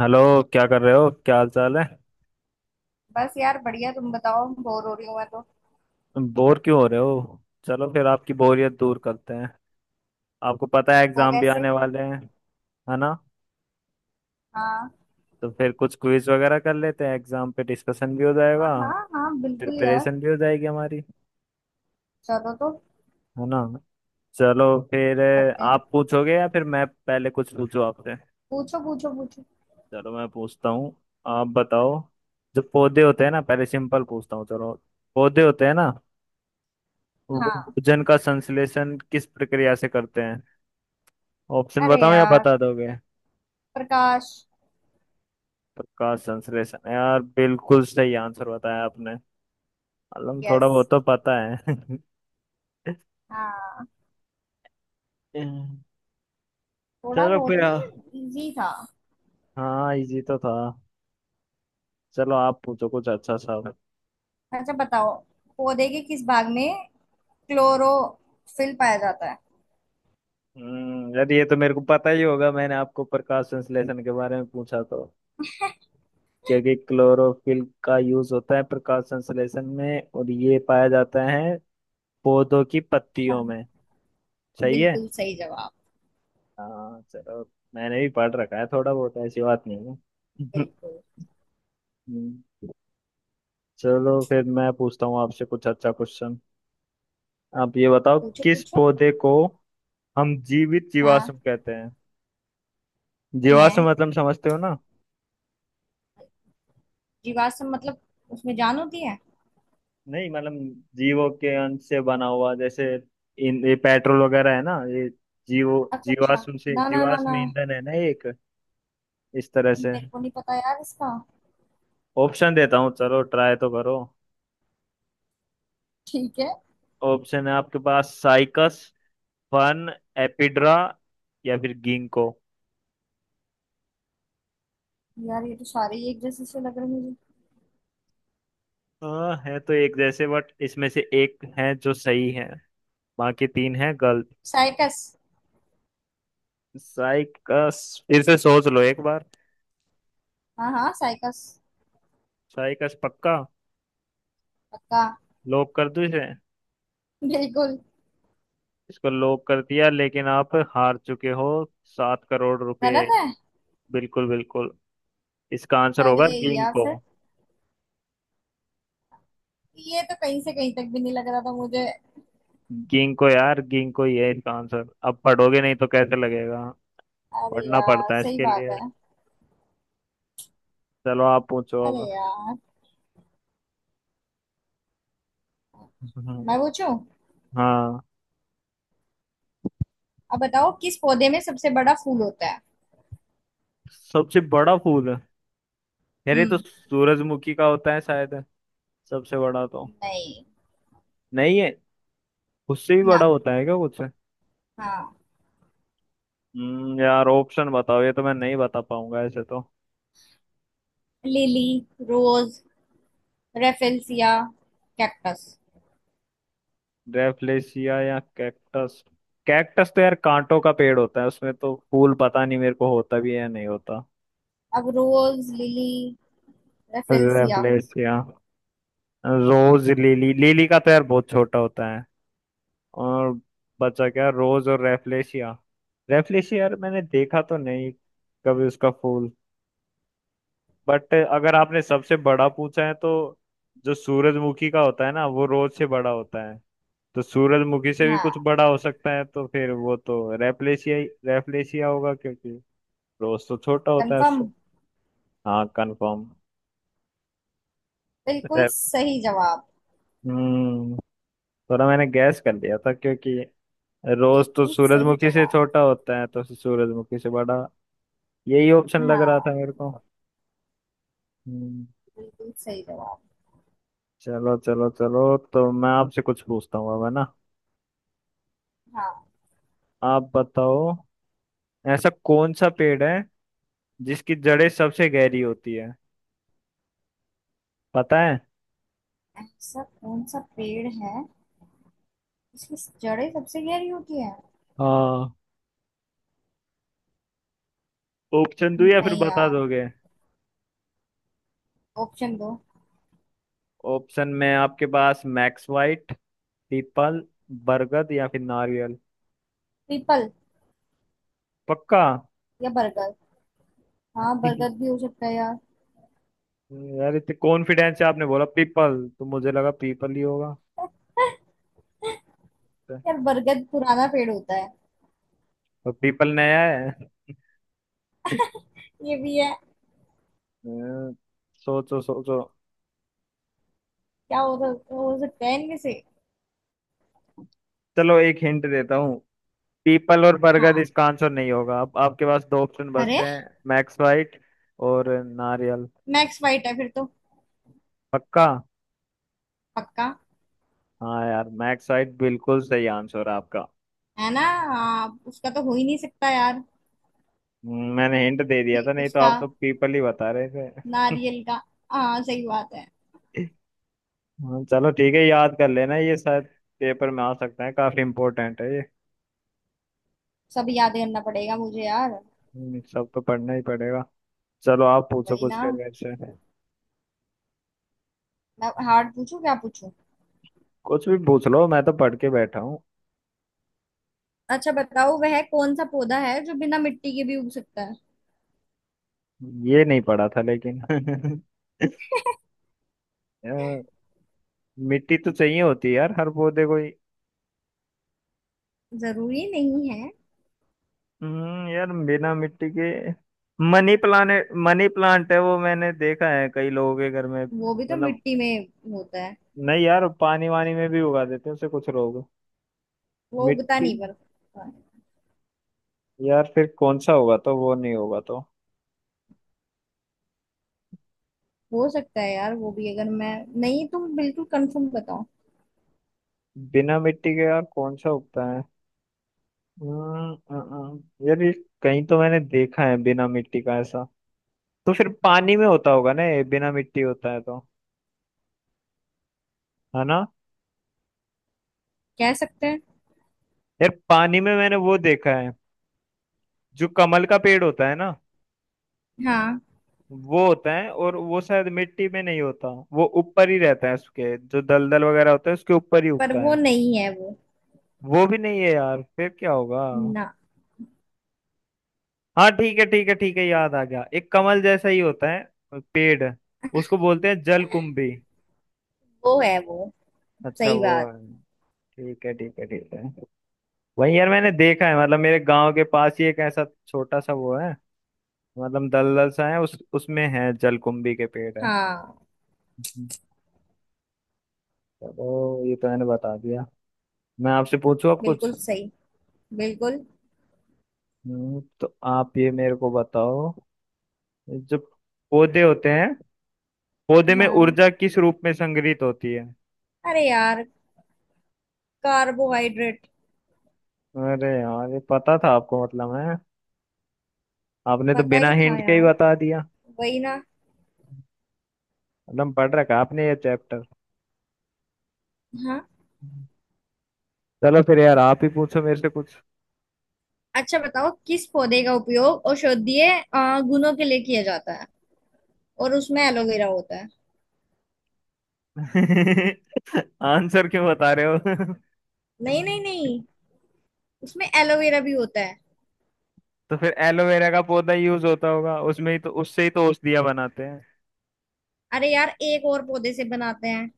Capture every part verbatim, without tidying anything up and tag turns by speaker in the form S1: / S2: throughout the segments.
S1: Hello. क्या कर रहे हो? क्या हाल चाल है?
S2: बस यार बढ़िया। तुम बताओ, बोर हो रही हूँ मैं तो।
S1: बोर क्यों हो रहे हो? चलो फिर आपकी बोरियत दूर करते हैं। आपको पता है
S2: वो
S1: एग्जाम भी
S2: कैसे?
S1: आने वाले हैं। है ना।
S2: हाँ
S1: तो फिर कुछ क्विज वगैरह कर लेते हैं, एग्जाम पे डिस्कशन भी हो जाएगा।
S2: हाँ हाँ हाँ बिल्कुल यार।
S1: प्रिपरेशन भी हो जाएगी हमारी।
S2: चलो तो
S1: है ना। चलो फिर अ,
S2: करते हैं।
S1: आप पूछोगे या फिर मैं पहले कुछ पूछूं आपसे?
S2: पूछो पूछो पूछो।
S1: चलो, मैं पूछता हूँ। आप बताओ। जो पौधे होते हैं ना, पहले सिंपल पूछता हूँ चलो। पौधे होते हैं ना, वो
S2: हाँ।
S1: भोजन का संश्लेषण किस प्रक्रिया से करते हैं? ऑप्शन
S2: अरे
S1: बताऊं या
S2: यार,
S1: बता दोगे?
S2: प्रकाश।
S1: प्रकाश संश्लेषण। यार बिल्कुल सही आंसर बताया आपने। मतलब थोड़ा
S2: यस।
S1: बहुत तो पता है।
S2: हाँ।
S1: हम्म,
S2: थोड़ा
S1: चलो
S2: बहुत
S1: फिर आ-
S2: नहीं, इजी था।
S1: हाँ, इजी तो था। चलो, आप पूछो कुछ अच्छा सा।
S2: अच्छा बताओ, पौधे के किस भाग में क्लोरोफिल पाया जाता है।
S1: हम्म यार ये तो मेरे को पता ही होगा, मैंने आपको प्रकाश संश्लेषण के बारे में पूछा तो। क्योंकि क्लोरोफिल का यूज होता है प्रकाश संश्लेषण में, और ये पाया जाता है पौधों की पत्तियों में। सही है।
S2: बिल्कुल सही जवाब।
S1: हाँ चलो। मैंने भी पढ़ रखा है थोड़ा बहुत, ऐसी बात नहीं है।
S2: बिल्कुल।
S1: हम्म, चलो फिर मैं पूछता हूँ आपसे कुछ अच्छा क्वेश्चन। आप ये बताओ,
S2: पूछो
S1: किस
S2: पूछो।
S1: पौधे को हम जीवित
S2: हाँ
S1: जीवाश्म कहते हैं?
S2: है।
S1: जीवाश्म मतलब समझते हो ना?
S2: जीवाश्म मतलब उसमें जान होती है।
S1: नहीं मतलब, जीवों के अंश से बना हुआ, जैसे इन ये पेट्रोल वगैरह है ना, ये जीवो
S2: अच्छा अच्छा।
S1: जीवाश्म से,
S2: ना ना ना
S1: जीवाश्म
S2: ना।
S1: ईंधन है ना एक, इस तरह से।
S2: मेरे को नहीं पता यार इसका।
S1: ऑप्शन देता हूँ, चलो ट्राई तो करो।
S2: ठीक है।
S1: ऑप्शन है आपके पास साइकस, फन, एपिड्रा, या फिर गिंको।
S2: यार ये तो सारे ही एक जैसे से लग रहे हैं मुझे।
S1: हाँ, है तो एक जैसे, बट इसमें से एक है जो सही है। बाकी तीन है गलत।
S2: साइकस।
S1: साइकस? फिर से सोच लो एक बार।
S2: हाँ हाँ साइकस।
S1: साइकस पक्का?
S2: पक्का।
S1: लॉक कर दूं इसे?
S2: बिल्कुल।
S1: इसको लॉक कर दिया, लेकिन आप हार चुके हो। सात करोड़ रुपए।
S2: गलत है?
S1: बिल्कुल बिल्कुल। इसका आंसर
S2: अरे
S1: होगा
S2: यार
S1: गिंको।
S2: फिर। ये तो कहीं से कहीं तक भी नहीं लग रहा था मुझे।
S1: गिंको, यार गिंको ही है इसका आंसर। अब पढ़ोगे नहीं तो कैसे लगेगा?
S2: अरे
S1: पढ़ना
S2: यार
S1: पड़ता है
S2: सही
S1: इसके
S2: बात
S1: लिए।
S2: है।
S1: चलो आप पूछो
S2: अरे
S1: अब।
S2: यार,
S1: हम्म,
S2: मैं पूछूं?
S1: हाँ।
S2: अब बताओ, किस पौधे में सबसे बड़ा फूल होता है।
S1: सबसे बड़ा फूल है? यार ये तो
S2: हम्म।
S1: सूरजमुखी का होता है शायद। सबसे बड़ा तो
S2: नहीं।
S1: नहीं है? उससे भी
S2: ना।
S1: बड़ा होता है क्या कुछ?
S2: हाँ।
S1: हम्म यार ऑप्शन बताओ, ये तो मैं नहीं बता पाऊंगा ऐसे तो।
S2: Lily, rose, rafflesia, cactus.
S1: ड्रेफलेसिया या कैक्टस? कैक्टस तो यार कांटों का पेड़ होता है, उसमें तो फूल पता नहीं मेरे को होता भी है या नहीं होता।
S2: अब rose, lily, rafflesia.
S1: ड्रेफलेसिया। Rose lily, lily का तो यार बहुत छोटा होता है। और बचा क्या, रोज और रेफलेशिया। रेफलेशिया, यार मैंने देखा तो नहीं कभी उसका फूल। बट अगर आपने सबसे बड़ा पूछा है तो, जो सूरजमुखी का होता है ना, वो रोज से बड़ा होता है। तो सूरजमुखी से भी कुछ
S2: हाँ
S1: बड़ा हो सकता है, तो फिर वो तो रैपलेशिया ही रैपलेशिया होगा, क्योंकि रोज तो छोटा होता है
S2: कंफर्म।
S1: उससे। हाँ कंफर्म।
S2: बिल्कुल सही जवाब।
S1: हम्म थोड़ा मैंने गैस कर लिया था, क्योंकि रोज तो
S2: बिल्कुल सही
S1: सूरजमुखी से
S2: जवाब।
S1: छोटा होता है, तो सूरजमुखी से बड़ा। यही ऑप्शन लग रहा
S2: हाँ।
S1: था मेरे को। हम्म
S2: बिल्कुल सही जवाब।
S1: चलो चलो चलो, तो मैं आपसे कुछ पूछता हूँ अब, है ना?
S2: हाँ।
S1: आप बताओ। ऐसा कौन सा पेड़ है जिसकी जड़ें सबसे गहरी होती है? पता है?
S2: ऐसा कौन सा पेड़ है जिसकी जड़ें सबसे गहरी होती है।
S1: हाँ। ऑप्शन दो या फिर
S2: नहीं
S1: बता
S2: यार,
S1: दोगे?
S2: ऑप्शन दो।
S1: ऑप्शन में आपके पास मैक्स वाइट, पीपल, बरगद, या फिर नारियल।
S2: पीपल
S1: पक्का?
S2: या बरगद। हाँ बरगद भी हो सकता है यार।
S1: यार इतने कॉन्फिडेंस से आपने बोला पीपल तो मुझे लगा पीपल ही होगा।
S2: यार बरगद पुराना पेड़ होता है।
S1: तो पीपल नया है?
S2: ये भी है।
S1: अ, सोचो सोचो।
S2: क्या हो, सक- हो सकता है इनमें से।
S1: चलो, एक हिंट देता हूँ। पीपल और बरगद
S2: हाँ।
S1: इसका आंसर नहीं होगा, अब आपके पास दो ऑप्शन
S2: अरे
S1: बचते हैं, मैक्स वाइट और नारियल।
S2: मैक्स वाइट है फिर तो।
S1: पक्का?
S2: पक्का।
S1: हाँ यार, मैक साइट बिल्कुल सही आंसर है आपका।
S2: है ना? हाँ, उसका तो हो ही नहीं सकता यार।
S1: हम्म, मैंने हिंट दे दिया था, नहीं तो
S2: उसका,
S1: आप तो पीपल ही बता रहे थे।
S2: नारियल का। हाँ सही बात है।
S1: हाँ, चलो ठीक है, याद कर लेना ये, शायद पेपर में आ सकता है, काफी इम्पोर्टेंट है ये।
S2: सब याद करना पड़ेगा मुझे यार।
S1: हम्म, सब तो पढ़ना ही पड़ेगा। चलो आप पूछो
S2: वही
S1: कुछ
S2: ना।
S1: फिर मेरे से।
S2: मैं हार्ड पूछूं क्या पूछूं?
S1: कुछ भी पूछ लो, मैं तो पढ़ के बैठा हूँ।
S2: अच्छा बताओ, वह कौन सा पौधा है जो बिना मिट्टी के भी उग सकता है।
S1: ये नहीं पढ़ा था लेकिन। अ, मिट्टी तो चाहिए होती है यार हर पौधे को।
S2: जरूरी नहीं है।
S1: हम्म यार बिना मिट्टी के। मनी प्लांट, मनी प्लांट है वो, मैंने देखा है कई लोगों के घर में
S2: वो भी तो
S1: मतलब।
S2: मिट्टी में होता है।
S1: नहीं यार, पानी वानी में भी उगा देते हैं उसे कुछ लोग।
S2: वो उगता
S1: मिट्टी?
S2: नहीं पर।
S1: यार फिर कौन सा होगा, तो वो नहीं होगा तो।
S2: हो सकता है यार, वो भी अगर मैं। नहीं, तुम बिल्कुल कंफर्म बताओ।
S1: बिना मिट्टी के यार कौन सा उगता है? हम्म, अ, अ, यार ये कहीं तो मैंने देखा है बिना मिट्टी का ऐसा। तो फिर पानी में होता होगा ना ये, बिना मिट्टी होता है तो। है ना।
S2: कह सकते हैं।
S1: यार, पानी में मैंने वो देखा है, जो कमल का पेड़ होता है ना।
S2: हाँ।
S1: वो होता है, और वो शायद मिट्टी में नहीं होता, वो ऊपर ही रहता है, उसके जो दलदल वगैरह होता है उसके ऊपर ही
S2: पर
S1: उगता
S2: वो
S1: है।
S2: नहीं है वो।
S1: वो भी नहीं है यार? फिर क्या होगा?
S2: ना।
S1: हाँ ठीक है ठीक है ठीक है, याद आ गया, एक कमल जैसा ही होता है पेड़। उसको बोलते हैं जलकुंभी।
S2: वो है वो।
S1: अच्छा
S2: सही
S1: वो
S2: बात।
S1: है। ठीक है ठीक है ठीक है। वही यार मैंने देखा है मतलब, मेरे गांव के पास ही एक ऐसा छोटा सा वो है। मतलब दलदल सा है, उस उसमें है जलकुंभी के पेड़ है।
S2: हाँ
S1: हम्म। चलो ये तो मैंने बता दिया। मैं आपसे पूछूं अब कुछ?
S2: बिल्कुल सही। बिल्कुल।
S1: हम्म, तो आप ये मेरे को बताओ, जो पौधे होते हैं, पौधे में
S2: हाँ।
S1: ऊर्जा किस रूप में संग्रहित होती है?
S2: अरे यार, कार्बोहाइड्रेट।
S1: अरे यार, ये पता था आपको मतलब? है आपने तो
S2: पता
S1: बिना
S2: ही था
S1: हिंट के ही
S2: यार।
S1: बता दिया।
S2: वही ना।
S1: मतलब पढ़ रखा है आपने ये चैप्टर।
S2: हाँ।
S1: चलो फिर यार, आप ही पूछो मेरे से। कुछ
S2: अच्छा बताओ, किस पौधे का उपयोग औषधीय अ, गुणों के लिए किया जाता है। और उसमें एलोवेरा होता है।
S1: आंसर क्यों बता रहे हो?
S2: नहीं नहीं नहीं, उसमें एलोवेरा भी होता है।
S1: तो फिर एलोवेरा का पौधा यूज होता होगा उसमें ही, तो उससे ही तो औषधियां बनाते हैं।
S2: अरे यार, एक और पौधे से बनाते हैं।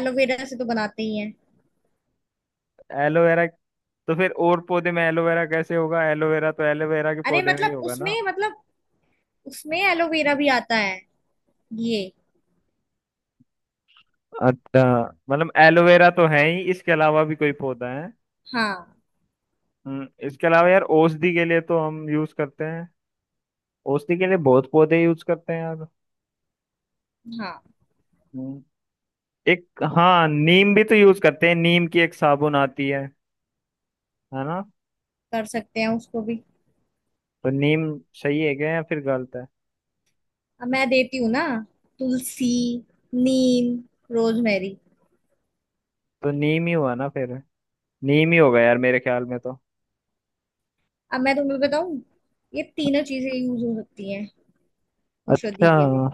S2: एलोवेरा से तो बनाते ही हैं।
S1: एलोवेरा। तो फिर और पौधे में एलोवेरा कैसे होगा? एलोवेरा तो एलोवेरा के
S2: अरे
S1: पौधे में ही
S2: मतलब
S1: होगा ना।
S2: उसमें मतलब उसमें एलोवेरा भी आता है ये।
S1: अच्छा। मतलब एलोवेरा तो है ही, इसके अलावा भी कोई पौधा है?
S2: हाँ
S1: हम्म, इसके अलावा यार औषधि के लिए तो हम यूज करते हैं। औषधि के लिए बहुत पौधे यूज करते हैं यार।
S2: हाँ
S1: हम्म, एक। हाँ नीम भी तो यूज करते हैं, नीम की एक साबुन आती है। है ना।
S2: कर सकते हैं उसको भी।
S1: तो नीम, सही है क्या या फिर गलत है?
S2: अब मैं देती हूँ ना। तुलसी, नीम, रोजमेरी।
S1: तो नीम ही हुआ ना फिर। नीम ही होगा यार, मेरे ख्याल में तो।
S2: अब मैं तुम्हें बताऊं, ये तीनों चीजें यूज हो सकती हैं औषधि
S1: अच्छा।
S2: के लिए।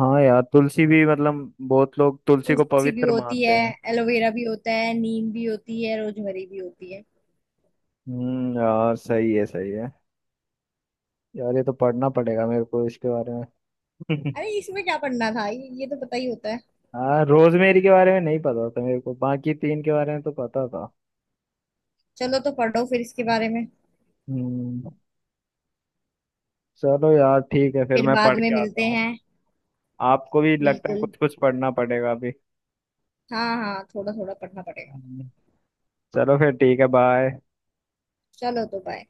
S1: हाँ यार, तुलसी भी मतलब बहुत लोग तुलसी को
S2: तुलसी भी
S1: पवित्र
S2: होती
S1: मानते
S2: है,
S1: हैं।
S2: एलोवेरा भी होता है, नीम भी होती है, रोजमेरी भी होती है।
S1: हम्म यार सही है सही है। यार ये तो पढ़ना पड़ेगा मेरे को इसके बारे में।
S2: अरे इसमें क्या पढ़ना था, ये, ये तो पता ही होता है।
S1: हाँ रोजमेरी के बारे में नहीं पता था मेरे को, बाकी तीन के बारे में तो पता था।
S2: चलो तो पढ़ो फिर इसके बारे में।
S1: हम्म चलो यार ठीक है, फिर
S2: फिर
S1: मैं
S2: बाद
S1: पढ़
S2: में
S1: के आता
S2: मिलते
S1: हूँ।
S2: हैं।
S1: आपको भी लगता है
S2: बिल्कुल।
S1: कुछ कुछ पढ़ना पड़ेगा अभी?
S2: हाँ हाँ थोड़ा थोड़ा पढ़ना पड़ेगा।
S1: हम्म, चलो फिर ठीक है, बाय।
S2: चलो तो बाय।